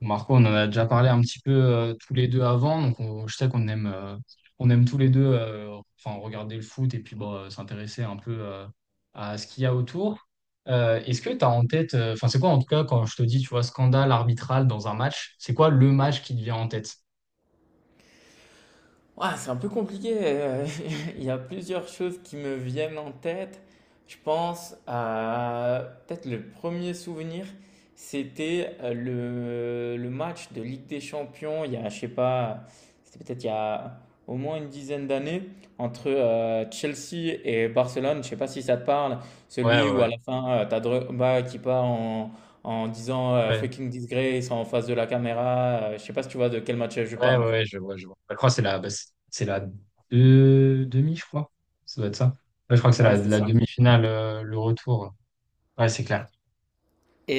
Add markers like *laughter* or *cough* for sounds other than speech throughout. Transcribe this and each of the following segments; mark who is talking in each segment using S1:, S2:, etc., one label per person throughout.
S1: Marco, on en a déjà parlé un petit peu tous les deux avant, donc je sais qu'on aime, on aime tous les deux enfin, regarder le foot et puis bon, s'intéresser un peu à ce qu'il y a autour. Est-ce que tu as en tête, enfin c'est quoi en tout cas quand je te dis, tu vois, scandale arbitral dans un match, c'est quoi le match qui te vient en tête?
S2: Ouais, c'est un peu compliqué. *laughs* Il y a plusieurs choses qui me viennent en tête. Je pense à peut-être le premier souvenir, c'était le match de Ligue des Champions. Il y a, je sais pas, c'était peut-être il y a au moins une dizaine d'années entre Chelsea et Barcelone. Je sais pas si ça te parle.
S1: Ouais,
S2: Celui
S1: ouais,
S2: où
S1: ouais.
S2: à la fin, t'as Drogba qui part en, en disant
S1: Ouais,
S2: fucking disgrace en face de la caméra. Je sais pas si tu vois de quel match je
S1: ouais,
S2: parle.
S1: ouais, ouais, je vois, je vois. Je crois que c'est la, bah, c'est la demi, je crois. Ça doit être ça. Ouais, je crois que c'est
S2: Ouais,
S1: la,
S2: c'est
S1: la Ouais.
S2: ça.
S1: demi-finale, le retour. Ouais, c'est clair.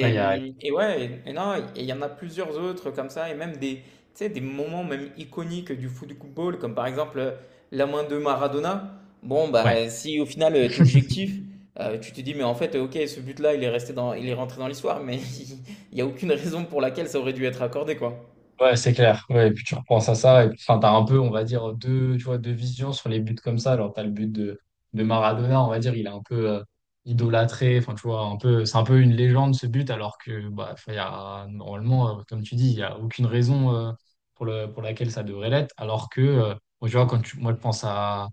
S1: Ouais, il y a...
S2: hum, et ouais, et non, et il y en a plusieurs autres comme ça, et même des, tu sais, des moments même iconiques du football, comme par exemple la main de Maradona. Bon,
S1: ouais.
S2: bah, si au final t'es
S1: *laughs*
S2: objectif, tu te dis, mais en fait, ok, ce but-là, il est resté dans, il est rentré dans l'histoire, mais *laughs* il n'y a aucune raison pour laquelle ça aurait dû être accordé, quoi.
S1: Ouais, c'est clair. Ouais, et puis tu repenses à ça, et puis enfin, t'as un peu, on va dire, deux, tu vois, deux visions sur les buts comme ça. Alors, t'as le but de Maradona, on va dire, il est un peu idolâtré. Enfin, tu vois, un peu, c'est un peu une légende ce but, alors que bah, enfin, il y a, normalement, comme tu dis, il n'y a aucune raison pour le, pour laquelle ça devrait l'être. Alors que, moi, tu vois, moi, je pense à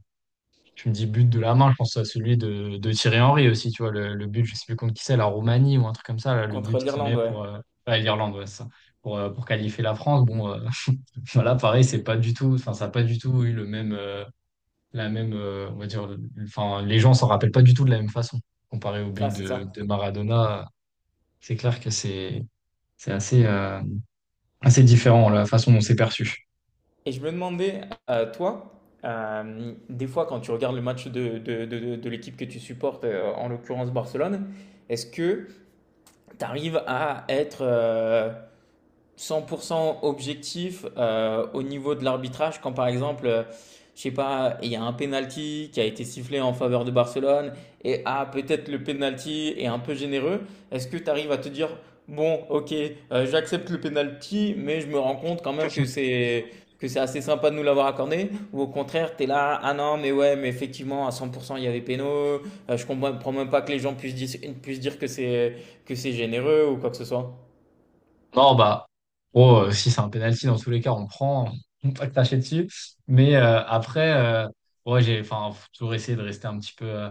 S1: tu me dis but de la main, je pense à celui de Thierry Henry aussi, tu vois, le but, je sais plus contre qui c'est, la Roumanie ou un truc comme ça, là, le
S2: Contre
S1: but qu'il
S2: l'Irlande,
S1: met
S2: ouais.
S1: pour ouais, l'Irlande, ouais, c'est ça, pour qualifier la France. Bon, *laughs* voilà, pareil, c'est pas du tout, enfin, ça n'a pas du tout eu le même, la même, on va dire, enfin, les gens s'en rappellent pas du tout de la même façon. Comparé au
S2: Ah,
S1: but
S2: c'est ça.
S1: de Maradona, c'est clair que c'est assez, assez différent la façon dont c'est perçu.
S2: Et je me demandais, toi, des fois, quand tu regardes le match de l'équipe que tu supportes, en l'occurrence Barcelone, est-ce que tu arrives à être 100% objectif au niveau de l'arbitrage quand par exemple, je sais pas, il y a un penalty qui a été sifflé en faveur de Barcelone et ah peut-être le penalty est un peu généreux. Est-ce que tu arrives à te dire bon, OK, j'accepte le penalty mais je me rends compte quand même que c'est assez sympa de nous l'avoir accordé ou au contraire, tu es là ah non, mais ouais, mais effectivement à 100% il y avait péno, je comprends même pas que les gens puissent dire que c'est généreux ou quoi que ce soit.
S1: Non, bah, oh, si c'est un penalty, dans tous les cas, on le prend, *laughs* on peut pas cracher dessus. Mais après, ouais, j'ai, enfin, faut toujours essayer de rester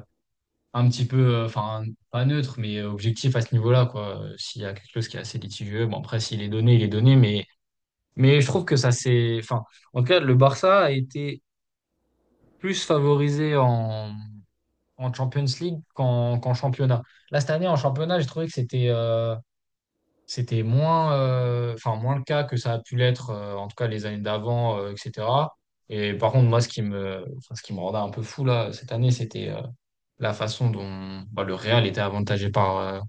S1: un petit peu, enfin, pas neutre, mais objectif à ce niveau-là, quoi. S'il y a quelque chose qui est assez litigieux, bon, après, s'il est donné, il est donné. Mais je trouve que ça, c'est, enfin, en tout cas, le Barça a été plus favorisé en, en Champions League qu'en championnat. Là, cette année, en championnat, j'ai trouvé que c'était, c'était moins, enfin, moins le cas que ça a pu l'être, en tout cas les années d'avant, etc. Et par contre, moi, ce qui me, enfin, ce qui me rendait un peu fou là, cette année, c'était la façon dont bah, le Real était avantagé par,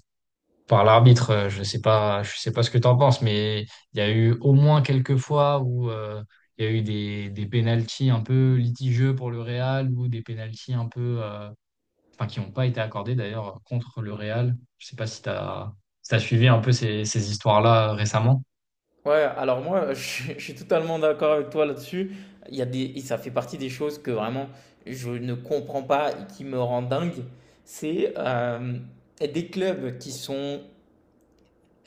S1: par l'arbitre. Je sais pas ce que tu en penses, mais il y a eu au moins quelques fois où il y a eu des pénaltys un peu litigieux pour le Real ou des pénaltys un peu. Enfin qui n'ont pas été accordés d'ailleurs contre le Real. Je sais pas si tu as, si t'as suivi un peu ces, ces histoires-là récemment.
S2: Ouais, alors moi, *laughs* je suis totalement d'accord avec toi là-dessus. Il y a des, et ça fait partie des choses que vraiment je ne comprends pas et qui me rend dingue. C'est des clubs qui sont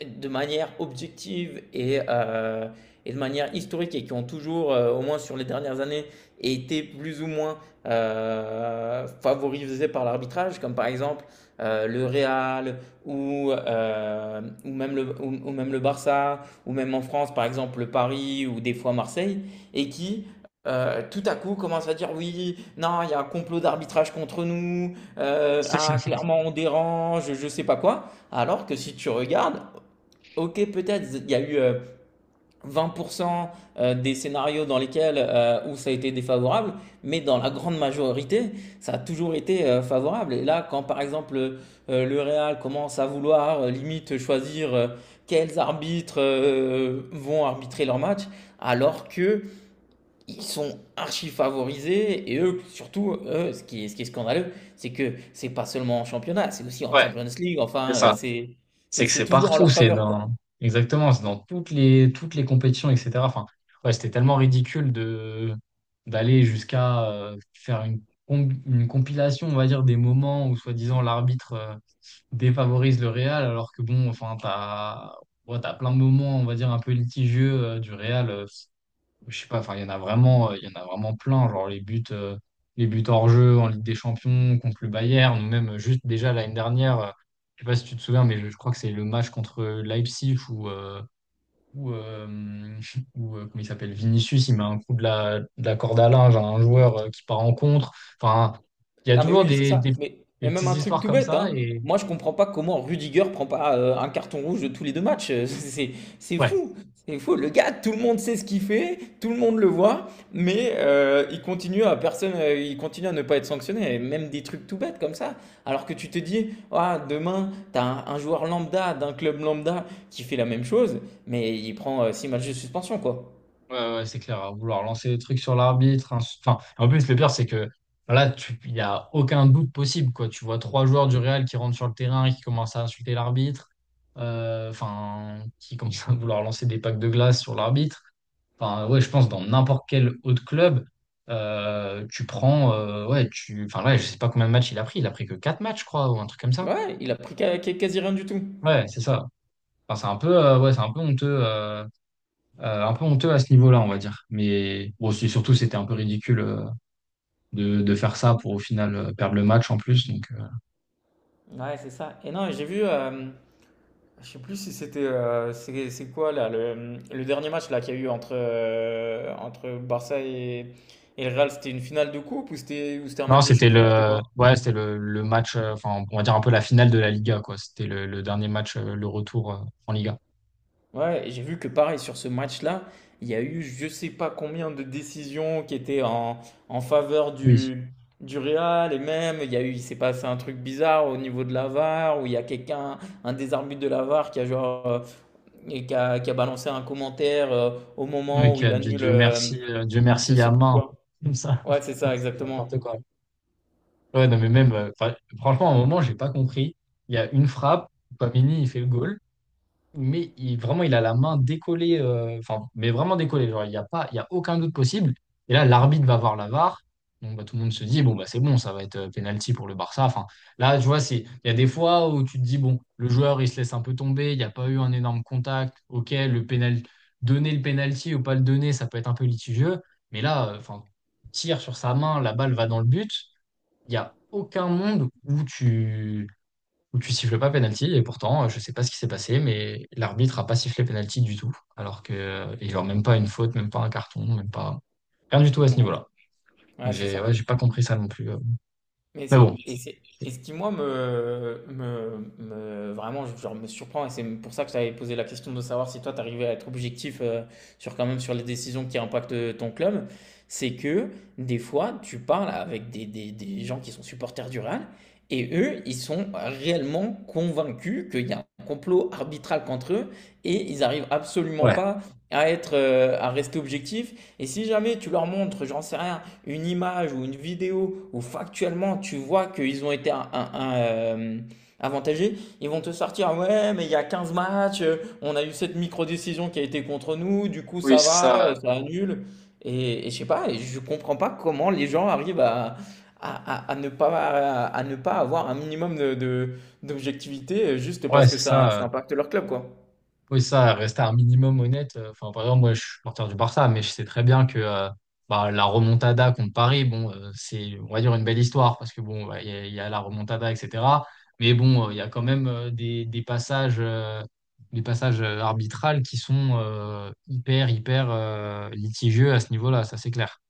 S2: de manière objective et de manière historique et qui ont toujours, au moins sur les dernières années, été plus ou moins favorisés par l'arbitrage, comme par exemple le Real ou même le Barça, ou même en France, par exemple le Paris ou des fois Marseille, et qui, tout à coup commence à dire oui, non, il y a un complot d'arbitrage contre nous, ah, clairement on dérange, je sais pas quoi. Alors que si tu regardes, ok, peut-être il y a eu 20% des scénarios dans lesquels où ça a été défavorable, mais dans la grande majorité, ça a toujours été favorable. Et là, quand par exemple le Real commence à vouloir limite choisir quels arbitres vont arbitrer leur match, alors que ils sont archi favorisés et eux surtout, eux, ce qui est scandaleux, c'est que c'est pas seulement en championnat, c'est aussi en
S1: Ouais,
S2: Champions League.
S1: c'est
S2: Enfin,
S1: ça.
S2: c'est
S1: C'est
S2: c'est
S1: que
S2: c'est
S1: c'est
S2: toujours en
S1: partout,
S2: leur
S1: c'est
S2: faveur
S1: dans
S2: quoi.
S1: exactement, c'est dans toutes les compétitions, etc. Enfin, ouais, c'était tellement ridicule de d'aller jusqu'à faire une, une compilation, on va dire, des moments où soi-disant l'arbitre défavorise le Real, alors que bon, enfin, t'as ouais, t'as plein de moments, on va dire, un peu litigieux du Real. Je sais pas, enfin, il y en a vraiment, il y en a vraiment plein, genre les buts hors-jeu en Ligue des Champions contre le Bayern, ou même juste déjà l'année dernière, je sais pas si tu te souviens, mais je crois que c'est le match contre Leipzig où, euh, *laughs* comment il s'appelle, Vinicius, il met un coup de la corde à linge à un joueur qui part en contre. Enfin, il y a
S2: Non, mais
S1: toujours
S2: oui, c'est ça. Mais,
S1: des
S2: mais même
S1: petites
S2: un truc
S1: histoires
S2: tout
S1: comme
S2: bête,
S1: ça,
S2: hein.
S1: et
S2: Moi, je comprends pas comment Rudiger prend pas un carton rouge de tous les deux matchs. *laughs* C'est
S1: ouais.
S2: fou. C'est fou. Le gars, tout le monde sait ce qu'il fait, tout le monde le voit, mais il continue à ne pas être sanctionné. Et même des trucs tout bêtes comme ça. Alors que tu te dis, ah, demain, t'as un joueur lambda d'un club lambda qui fait la même chose, mais il prend 6 matchs de suspension, quoi.
S1: Ouais, ouais, c'est clair, à vouloir lancer des trucs sur l'arbitre. Hein, Enfin, en plus, le pire, c'est que là, il n'y a aucun doute possible, quoi. Tu vois trois joueurs du Real qui rentrent sur le terrain et qui commencent à insulter l'arbitre, enfin, qui commencent à vouloir lancer des packs de glace sur l'arbitre. Enfin, ouais, je pense dans n'importe quel autre club, tu prends, ouais, tu, enfin, ouais, je sais pas combien de matchs il a pris. Il a pris que quatre matchs, je crois, ou un truc comme ça.
S2: Ouais, il a pris quasi rien du tout.
S1: Ouais, c'est ça. Enfin, c'est un peu, ouais, c'est un peu honteux. Un peu honteux à ce niveau-là, on va dire. Mais bon, surtout, c'était un peu ridicule de faire ça pour au final perdre le match en plus. Donc,
S2: Ouais, c'est ça. Et non, j'ai vu. Je sais plus si c'était c'est quoi là le dernier match là qu'il y a eu entre Barça et le Real, c'était une finale de coupe ou c'était un
S1: non,
S2: match de
S1: c'était
S2: championnat, c'était
S1: le,
S2: quoi?
S1: ouais, c'était le match, enfin, on va dire un peu la finale de la Liga, quoi. C'était le dernier match, le retour en Liga.
S2: Ouais, et j'ai vu que pareil sur ce match-là, il y a eu je sais pas combien de décisions qui étaient en, faveur
S1: Oui.
S2: du Real et même il y a eu il s'est passé un truc bizarre au niveau de la VAR où il y a quelqu'un un des arbitres de la VAR qui a genre et qui a balancé un commentaire au moment
S1: Ok,
S2: où il
S1: Dieu,
S2: annule,
S1: Dieu
S2: je
S1: merci à
S2: sais plus
S1: main, quoi.
S2: quoi.
S1: Comme ça.
S2: Ouais, c'est
S1: *laughs*
S2: ça,
S1: C'est
S2: exactement.
S1: n'importe quoi. Ouais, non, mais même, enfin, franchement, à un moment, j'ai pas compris. Il y a une frappe, Pamini il fait le goal. Mais il, vraiment, il a la main décollée, enfin, mais vraiment décollée. Genre, il n'y a pas, il y a aucun doute possible. Et là, l'arbitre va voir la VAR. Donc, bah, tout le monde se dit, bon, bah, c'est bon, ça va être penalty pour le Barça. Enfin, là, tu vois, c'est, il y a des fois où tu te dis, bon, le joueur, il se laisse un peu tomber, il n'y a pas eu un énorme contact. OK, le pénal, donner le penalty ou pas le donner, ça peut être un peu litigieux. Mais là, enfin, tire sur sa main, la balle va dans le but. Il n'y a aucun monde où tu siffles pas penalty et pourtant je sais pas ce qui s'est passé mais l'arbitre a pas sifflé penalty du tout alors que et genre même pas une faute même pas un carton même pas rien du tout à ce
S2: Ouais,
S1: niveau-là donc
S2: ouais, c'est
S1: j'ai
S2: ça.
S1: ouais, j'ai pas compris ça non plus
S2: Mais
S1: mais bon
S2: c'est, et ce qui, moi, vraiment, genre, me surprend, et c'est pour ça que je t'avais posé la question de savoir si toi, t'arrivais à être objectif sur, quand même, sur les décisions qui impactent ton club, c'est que, des fois, tu parles avec des gens qui sont supporters du Real, et eux, ils sont réellement convaincus qu'il y a un complot arbitral contre eux, et ils arrivent absolument pas à rester objectifs. Et si jamais tu leur montres, j'en sais rien, une image ou une vidéo où factuellement tu vois qu'ils ont été avantagés, ils vont te sortir ouais mais il y a 15 matchs, on a eu cette micro-décision qui a été contre nous, du coup
S1: Oui,
S2: ça va,
S1: ça.
S2: ça annule. Et, je sais pas, et je comprends pas comment les gens arrivent à, ne pas, à ne pas avoir un minimum de, d'objectivité juste
S1: Ouais
S2: parce que
S1: c'est
S2: ça,
S1: ça
S2: ça impacte leur club quoi.
S1: oui, ça, rester un minimum honnête. Enfin, par exemple, moi, je suis porteur du Barça, mais je sais très bien que bah, la remontada contre Paris, bon, c'est, on va dire, une belle histoire, parce que bon, bah, il y a la remontada, etc. Mais bon, il y a quand même des passages arbitrales qui sont hyper litigieux à ce niveau-là, ça c'est clair.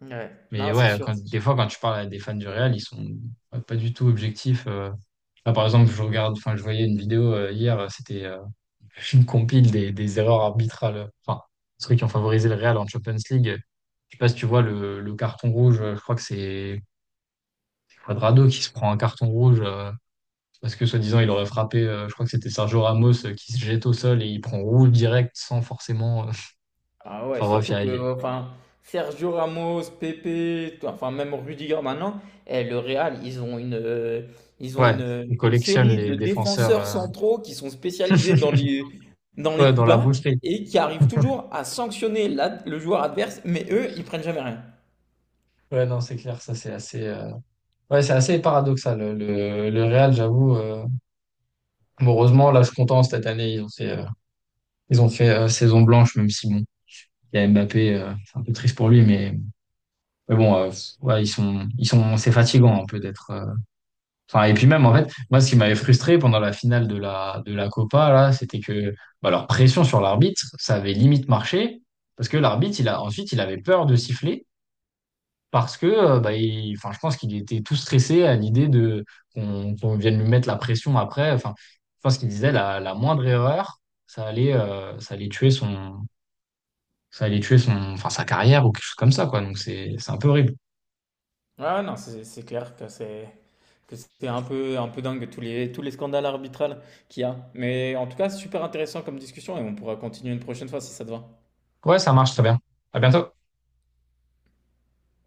S2: Ouais,
S1: Mais
S2: non, c'est
S1: ouais,
S2: sûr.
S1: quand, des fois, quand tu parles à des fans du Real, ils sont pas du tout objectifs. Là, par exemple, je regarde, enfin, je voyais une vidéo hier, c'était une compile des erreurs arbitrales, enfin, ceux qui ont favorisé le Real en Champions League. Je sais pas si tu vois le carton rouge, je crois que c'est Quadrado qui se prend un carton rouge parce que soi-disant il aurait frappé, je crois que c'était Sergio Ramos qui se jette au sol et il prend rouge direct sans forcément.
S2: Ah
S1: *laughs*
S2: ouais,
S1: Enfin bref,
S2: surtout que enfin, Sergio Ramos, Pepe, enfin même Rudiger maintenant, eh, le Real, ils ont une, euh, ils ont
S1: ouais, on
S2: une, une
S1: collectionne
S2: série
S1: les
S2: de
S1: défenseurs
S2: défenseurs centraux qui sont spécialisés dans les,
S1: *laughs*
S2: dans les
S1: ouais, dans
S2: coups
S1: la
S2: bas
S1: boucherie.
S2: et qui arrivent toujours à sanctionner le joueur adverse, mais eux, ils prennent jamais rien.
S1: Ouais, non, c'est clair, ça c'est assez, ouais, c'est assez paradoxal. Le Real, j'avoue, heureusement, là je suis content cette année, ils ont fait. Ils ont fait saison blanche, même si bon, il y a Mbappé, c'est un peu triste pour lui, mais bon, ouais, c'est fatigant un peu d'être. Enfin, et puis même en fait, moi, ce qui m'avait frustré pendant la finale de la Copa là, c'était que bah, leur pression sur l'arbitre, ça avait limite marché parce que l'arbitre, il a ensuite, il avait peur de siffler parce que bah, enfin, je pense qu'il était tout stressé à l'idée de qu'on qu'on vienne lui mettre la pression après. Enfin, je pense qu'il disait la, la moindre erreur, ça allait tuer son ça allait tuer son, enfin, sa carrière ou quelque chose comme ça, quoi. Donc c'est un peu horrible.
S2: Ouais, non, c'est clair que c'est un peu dingue tous les, scandales arbitrales qu'il y a. Mais en tout cas, super intéressant comme discussion et on pourra continuer une prochaine fois si ça te va.
S1: Ouais, ça marche très bien. À bientôt.